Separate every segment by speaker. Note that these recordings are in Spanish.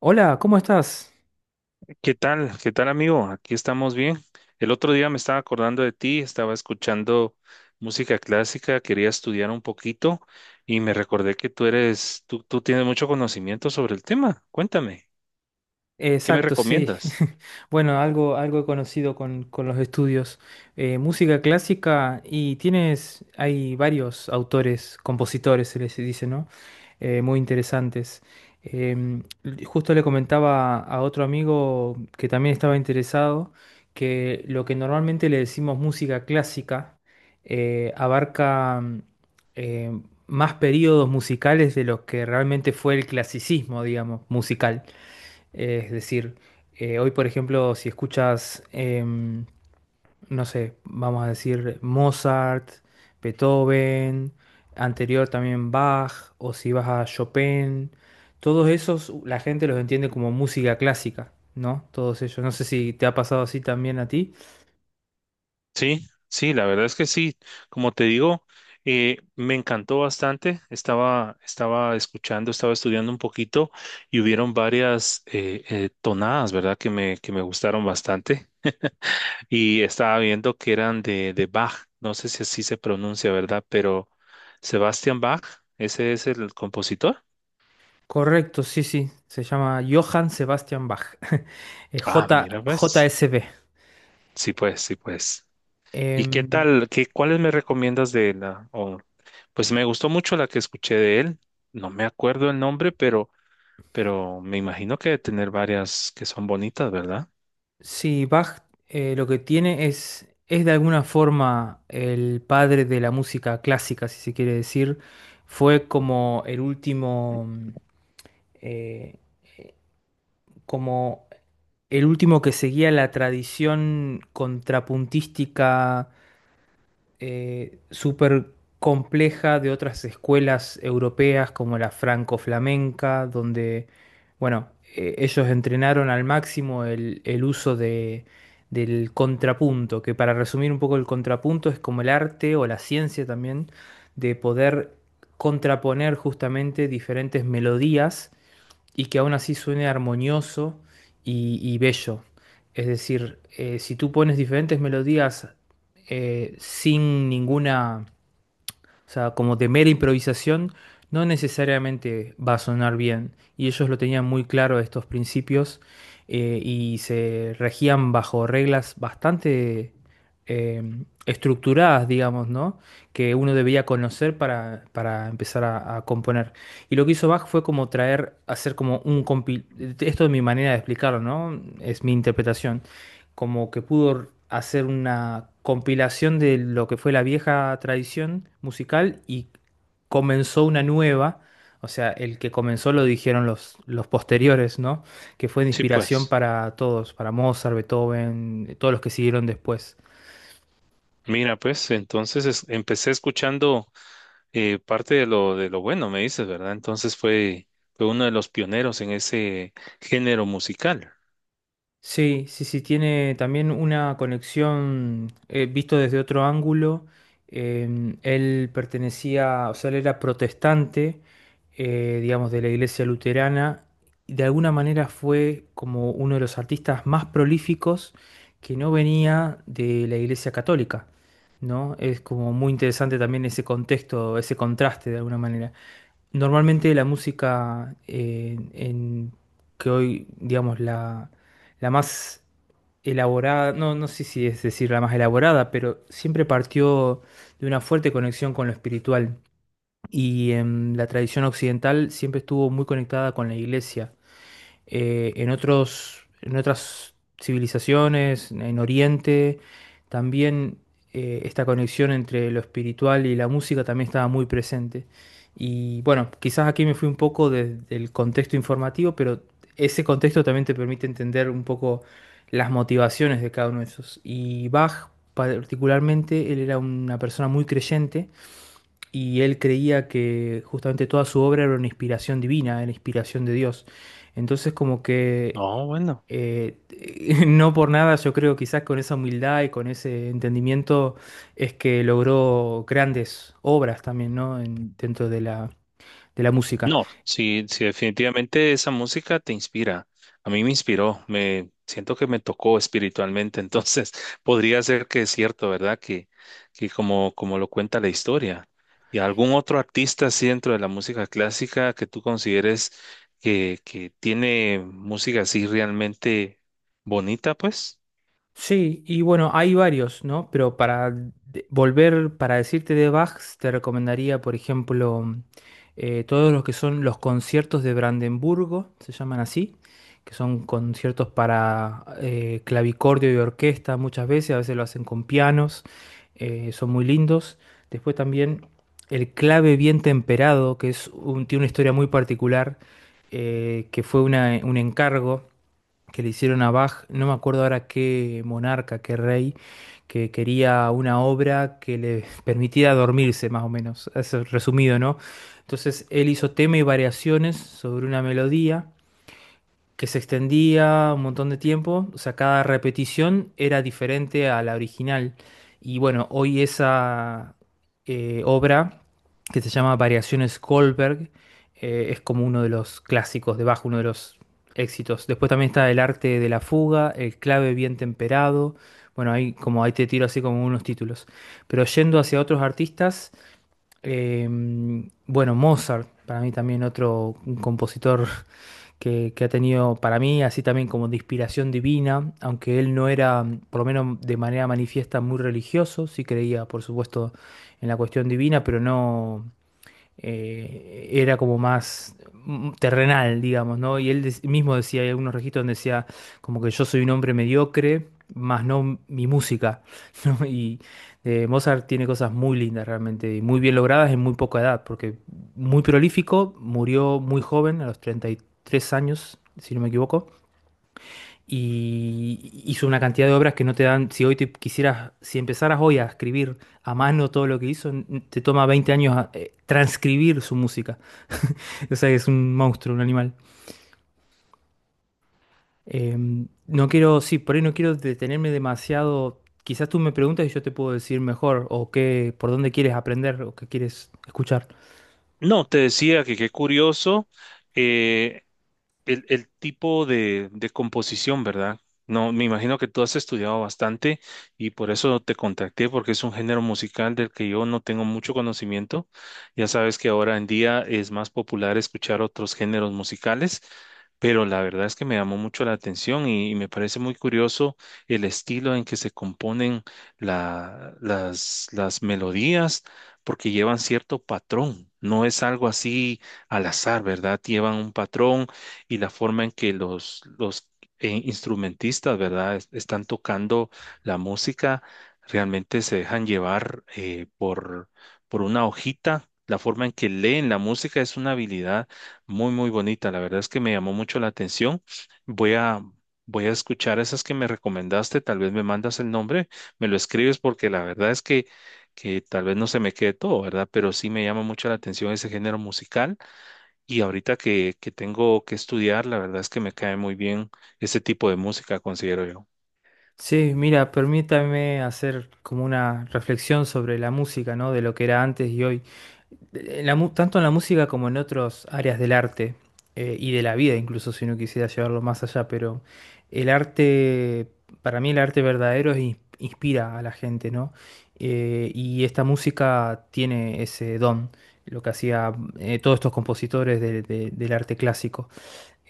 Speaker 1: Hola, ¿cómo estás?
Speaker 2: ¿Qué tal? ¿Qué tal, amigo? Aquí estamos bien. El otro día me estaba acordando de ti, estaba escuchando música clásica, quería estudiar un poquito y me recordé que tú tienes mucho conocimiento sobre el tema. Cuéntame, ¿qué me
Speaker 1: Exacto, sí.
Speaker 2: recomiendas?
Speaker 1: Bueno, algo he conocido con los estudios. Música clásica y hay varios autores, compositores, se les dice, ¿no? Muy interesantes. Justo le comentaba a otro amigo que también estaba interesado que lo que normalmente le decimos música clásica abarca eh, más periodos musicales de los que realmente fue el clasicismo, digamos, musical. Es decir, hoy, por ejemplo, si escuchas, no sé, vamos a decir Mozart, Beethoven, anterior también Bach, o si vas a Chopin, todos esos la gente los entiende como música clásica, ¿no? Todos ellos. No sé si te ha pasado así también a ti.
Speaker 2: Sí, sí, la verdad es que sí. Como te digo, me encantó bastante. Estaba escuchando, estaba estudiando un poquito y hubieron varias tonadas, ¿verdad? Que me gustaron bastante. Y estaba viendo que eran de Bach, no sé si así se pronuncia, ¿verdad? Pero Sebastian Bach, ese es el compositor.
Speaker 1: Correcto, sí, sí. Se llama Johann Sebastian Bach.
Speaker 2: Ah, mira, ves.
Speaker 1: JSB.
Speaker 2: Sí, pues, sí, pues. ¿Y qué
Speaker 1: Em,
Speaker 2: tal? ¿Qué, cuáles me recomiendas de la? Pues me gustó mucho la que escuché de él. No me acuerdo el nombre, pero me imagino que debe tener varias que son bonitas, ¿verdad?
Speaker 1: Sí, Bach, lo que tiene es, de alguna forma, el padre de la música clásica, si se quiere decir. Fue como el eh, como último que seguía la tradición contrapuntística súper compleja de otras escuelas europeas como la franco-flamenca, donde, bueno, ellos entrenaron al máximo el uso del contrapunto, que para resumir un poco el contrapunto es como el arte o la ciencia también de poder contraponer justamente diferentes melodías y que aún así suene armonioso y bello. Es decir, si tú pones diferentes melodías sin ninguna o sea, como de mera improvisación, no necesariamente va a sonar bien. Y ellos lo tenían muy claro estos principios, y se regían bajo reglas bastante eh, estructuradas, digamos, ¿no? Que uno debía conocer para empezar a componer. Y lo que hizo Bach fue como hacer como un compil... Esto es mi manera de explicarlo, ¿no? Es mi interpretación, como que pudo hacer una compilación de lo que fue la vieja tradición musical y comenzó una nueva. O sea, el que comenzó lo dijeron los posteriores, ¿no? Que fue de
Speaker 2: Sí,
Speaker 1: inspiración
Speaker 2: pues.
Speaker 1: para todos, para Mozart, Beethoven, todos los que siguieron después.
Speaker 2: Mira, pues, entonces empecé escuchando. Parte de lo bueno, me dices, ¿verdad? Entonces fue uno de los pioneros en ese género musical.
Speaker 1: Sí, sí, sí, tiene también una conexión, visto desde otro ángulo. Él pertenecía, o sea, él era protestante, digamos, de la iglesia luterana. Y de alguna manera fue como uno de los artistas más prolíficos que no venía de la iglesia católica, ¿no? Es como muy interesante también ese contexto, ese contraste de alguna manera. Normalmente la música que hoy, digamos, la más elaborada, no, no sé si es decir la más elaborada, pero siempre partió de una fuerte conexión con lo espiritual. Y la tradición occidental siempre estuvo muy conectada con la iglesia. En otras civilizaciones, en Oriente, también esta conexión entre lo espiritual y la música también estaba muy presente. Y bueno, quizás aquí me fui un poco del contexto informativo, pero ese contexto también te permite entender un poco las motivaciones de cada uno de esos. Y Bach, particularmente, él era una persona muy creyente, y él creía que justamente toda su obra era una inspiración divina, era inspiración de Dios. Entonces, como que
Speaker 2: No, bueno.
Speaker 1: eh, no por nada yo creo, quizás con esa humildad y con ese entendimiento, es que logró grandes obras también, ¿no? Dentro de la música.
Speaker 2: No, sí, sí, definitivamente esa música te inspira. A mí me inspiró, me siento que me tocó espiritualmente. Entonces, podría ser que es cierto, ¿verdad? Que, como lo cuenta la historia. ¿Y algún otro artista así dentro de la música clásica que tú consideres que tiene música así realmente bonita, pues?
Speaker 1: Sí, y bueno, hay varios, ¿no? Pero para decirte de Bach, te recomendaría, por ejemplo, todos los que son los conciertos de Brandenburgo, se llaman así, que son conciertos para clavicordio y orquesta muchas veces, a veces lo hacen con pianos. Son muy lindos. Después también el clave bien temperado, que es tiene una historia muy particular, que fue un encargo que le hicieron a Bach, no me acuerdo ahora qué monarca, qué rey, que quería una obra que le permitiera dormirse, más o menos, es resumido, ¿no? Entonces él hizo tema y variaciones sobre una melodía que se extendía un montón de tiempo, o sea, cada repetición era diferente a la original. Y bueno, hoy esa obra, que se llama Variaciones Goldberg, es como uno de los clásicos de Bach, uno de los éxitos. Después también está El arte de la fuga, El clave bien temperado. Bueno, ahí como ahí te tiro así como unos títulos. Pero yendo hacia otros artistas, eh, bueno, Mozart, para mí también otro compositor que ha tenido, para mí, así también como de inspiración divina, aunque él no era, por lo menos de manera manifiesta, muy religioso. Sí creía, por supuesto, en la cuestión divina, pero no, era como más terrenal, digamos, ¿no? Y él mismo decía, hay algunos registros donde decía como que yo soy un hombre mediocre, más no mi música, ¿no? Y Mozart tiene cosas muy lindas realmente, y muy bien logradas en muy poca edad, porque muy prolífico, murió muy joven, a los 33 años, si no me equivoco, y hizo una cantidad de obras que no te dan, si hoy te quisieras, si empezaras hoy a escribir a mano todo lo que hizo, te toma 20 años a transcribir su música. O sea, es un monstruo, un animal. Eh, no quiero, sí, por ahí no quiero detenerme demasiado. Quizás tú me preguntas y yo te puedo decir mejor o qué, por dónde quieres aprender o qué quieres escuchar.
Speaker 2: No, te decía que qué curioso, eh, el tipo de composición, ¿verdad? No, me imagino que tú has estudiado bastante y por eso te contacté, porque es un género musical del que yo no tengo mucho conocimiento. Ya sabes que ahora en día es más popular escuchar otros géneros musicales, pero la verdad es que me llamó mucho la atención y me parece muy curioso el estilo en que se componen las melodías, porque llevan cierto patrón. No es algo así al azar, ¿verdad? Llevan un patrón y la forma en que los instrumentistas, ¿verdad? Están tocando la música, realmente se dejan llevar por una hojita. La forma en que leen la música es una habilidad muy, muy bonita. La verdad es que me llamó mucho la atención. Voy a, voy a escuchar esas que me recomendaste. Tal vez me mandas el nombre, me lo escribes porque la verdad es que tal vez no se me quede todo, ¿verdad? Pero sí me llama mucho la atención ese género musical. Y ahorita que tengo que estudiar, la verdad es que me cae muy bien ese tipo de música, considero yo.
Speaker 1: Sí, mira, permítame hacer como una reflexión sobre la música, ¿no? De lo que era antes y hoy. Tanto en la música como en otras áreas del arte y de la vida, incluso si no quisiera llevarlo más allá, pero el arte, para mí el arte verdadero inspira a la gente, ¿no? Y esta música tiene ese don, lo que hacía todos estos compositores del arte clásico.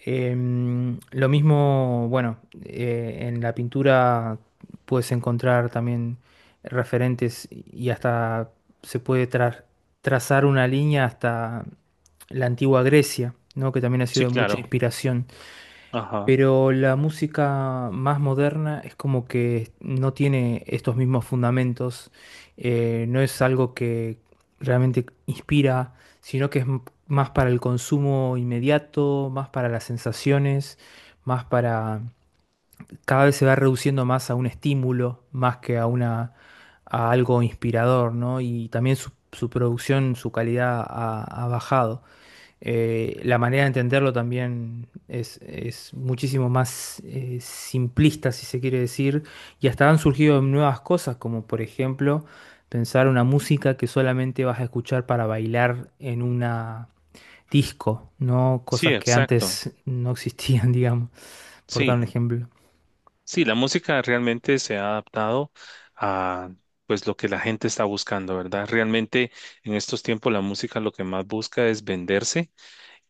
Speaker 1: Lo mismo, bueno, en la pintura puedes encontrar también referentes y hasta se puede trazar una línea hasta la antigua Grecia, ¿no? Que también ha sido
Speaker 2: Sí,
Speaker 1: de mucha
Speaker 2: claro.
Speaker 1: inspiración.
Speaker 2: Ajá.
Speaker 1: Pero la música más moderna es como que no tiene estos mismos fundamentos, no es algo que realmente inspira, sino que es más para el consumo inmediato, más para las sensaciones, más para... Cada vez se va reduciendo más a un estímulo, más que a algo inspirador, ¿no? Y también su producción, su calidad ha bajado. La manera de entenderlo también es muchísimo más simplista, si se quiere decir, y hasta han surgido nuevas cosas, como por ejemplo pensar una música que solamente vas a escuchar para bailar en una disco, ¿no?
Speaker 2: Sí,
Speaker 1: Cosas que
Speaker 2: exacto.
Speaker 1: antes no existían, digamos, por dar
Speaker 2: Sí,
Speaker 1: un ejemplo.
Speaker 2: sí, la música realmente se ha adaptado a pues lo que la gente está buscando, ¿verdad? Realmente en estos tiempos la música lo que más busca es venderse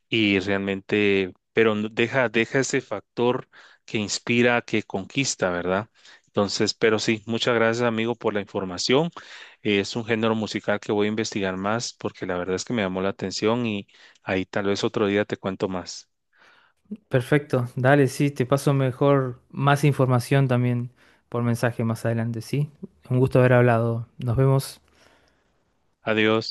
Speaker 2: y realmente, pero deja ese factor que inspira, que conquista, ¿verdad? Entonces, pero sí, muchas gracias amigo por la información. Es un género musical que voy a investigar más porque la verdad es que me llamó la atención y ahí tal vez otro día te cuento más.
Speaker 1: Perfecto, dale, sí, te paso mejor más información también por mensaje más adelante, ¿sí? Un gusto haber hablado. Nos vemos.
Speaker 2: Adiós.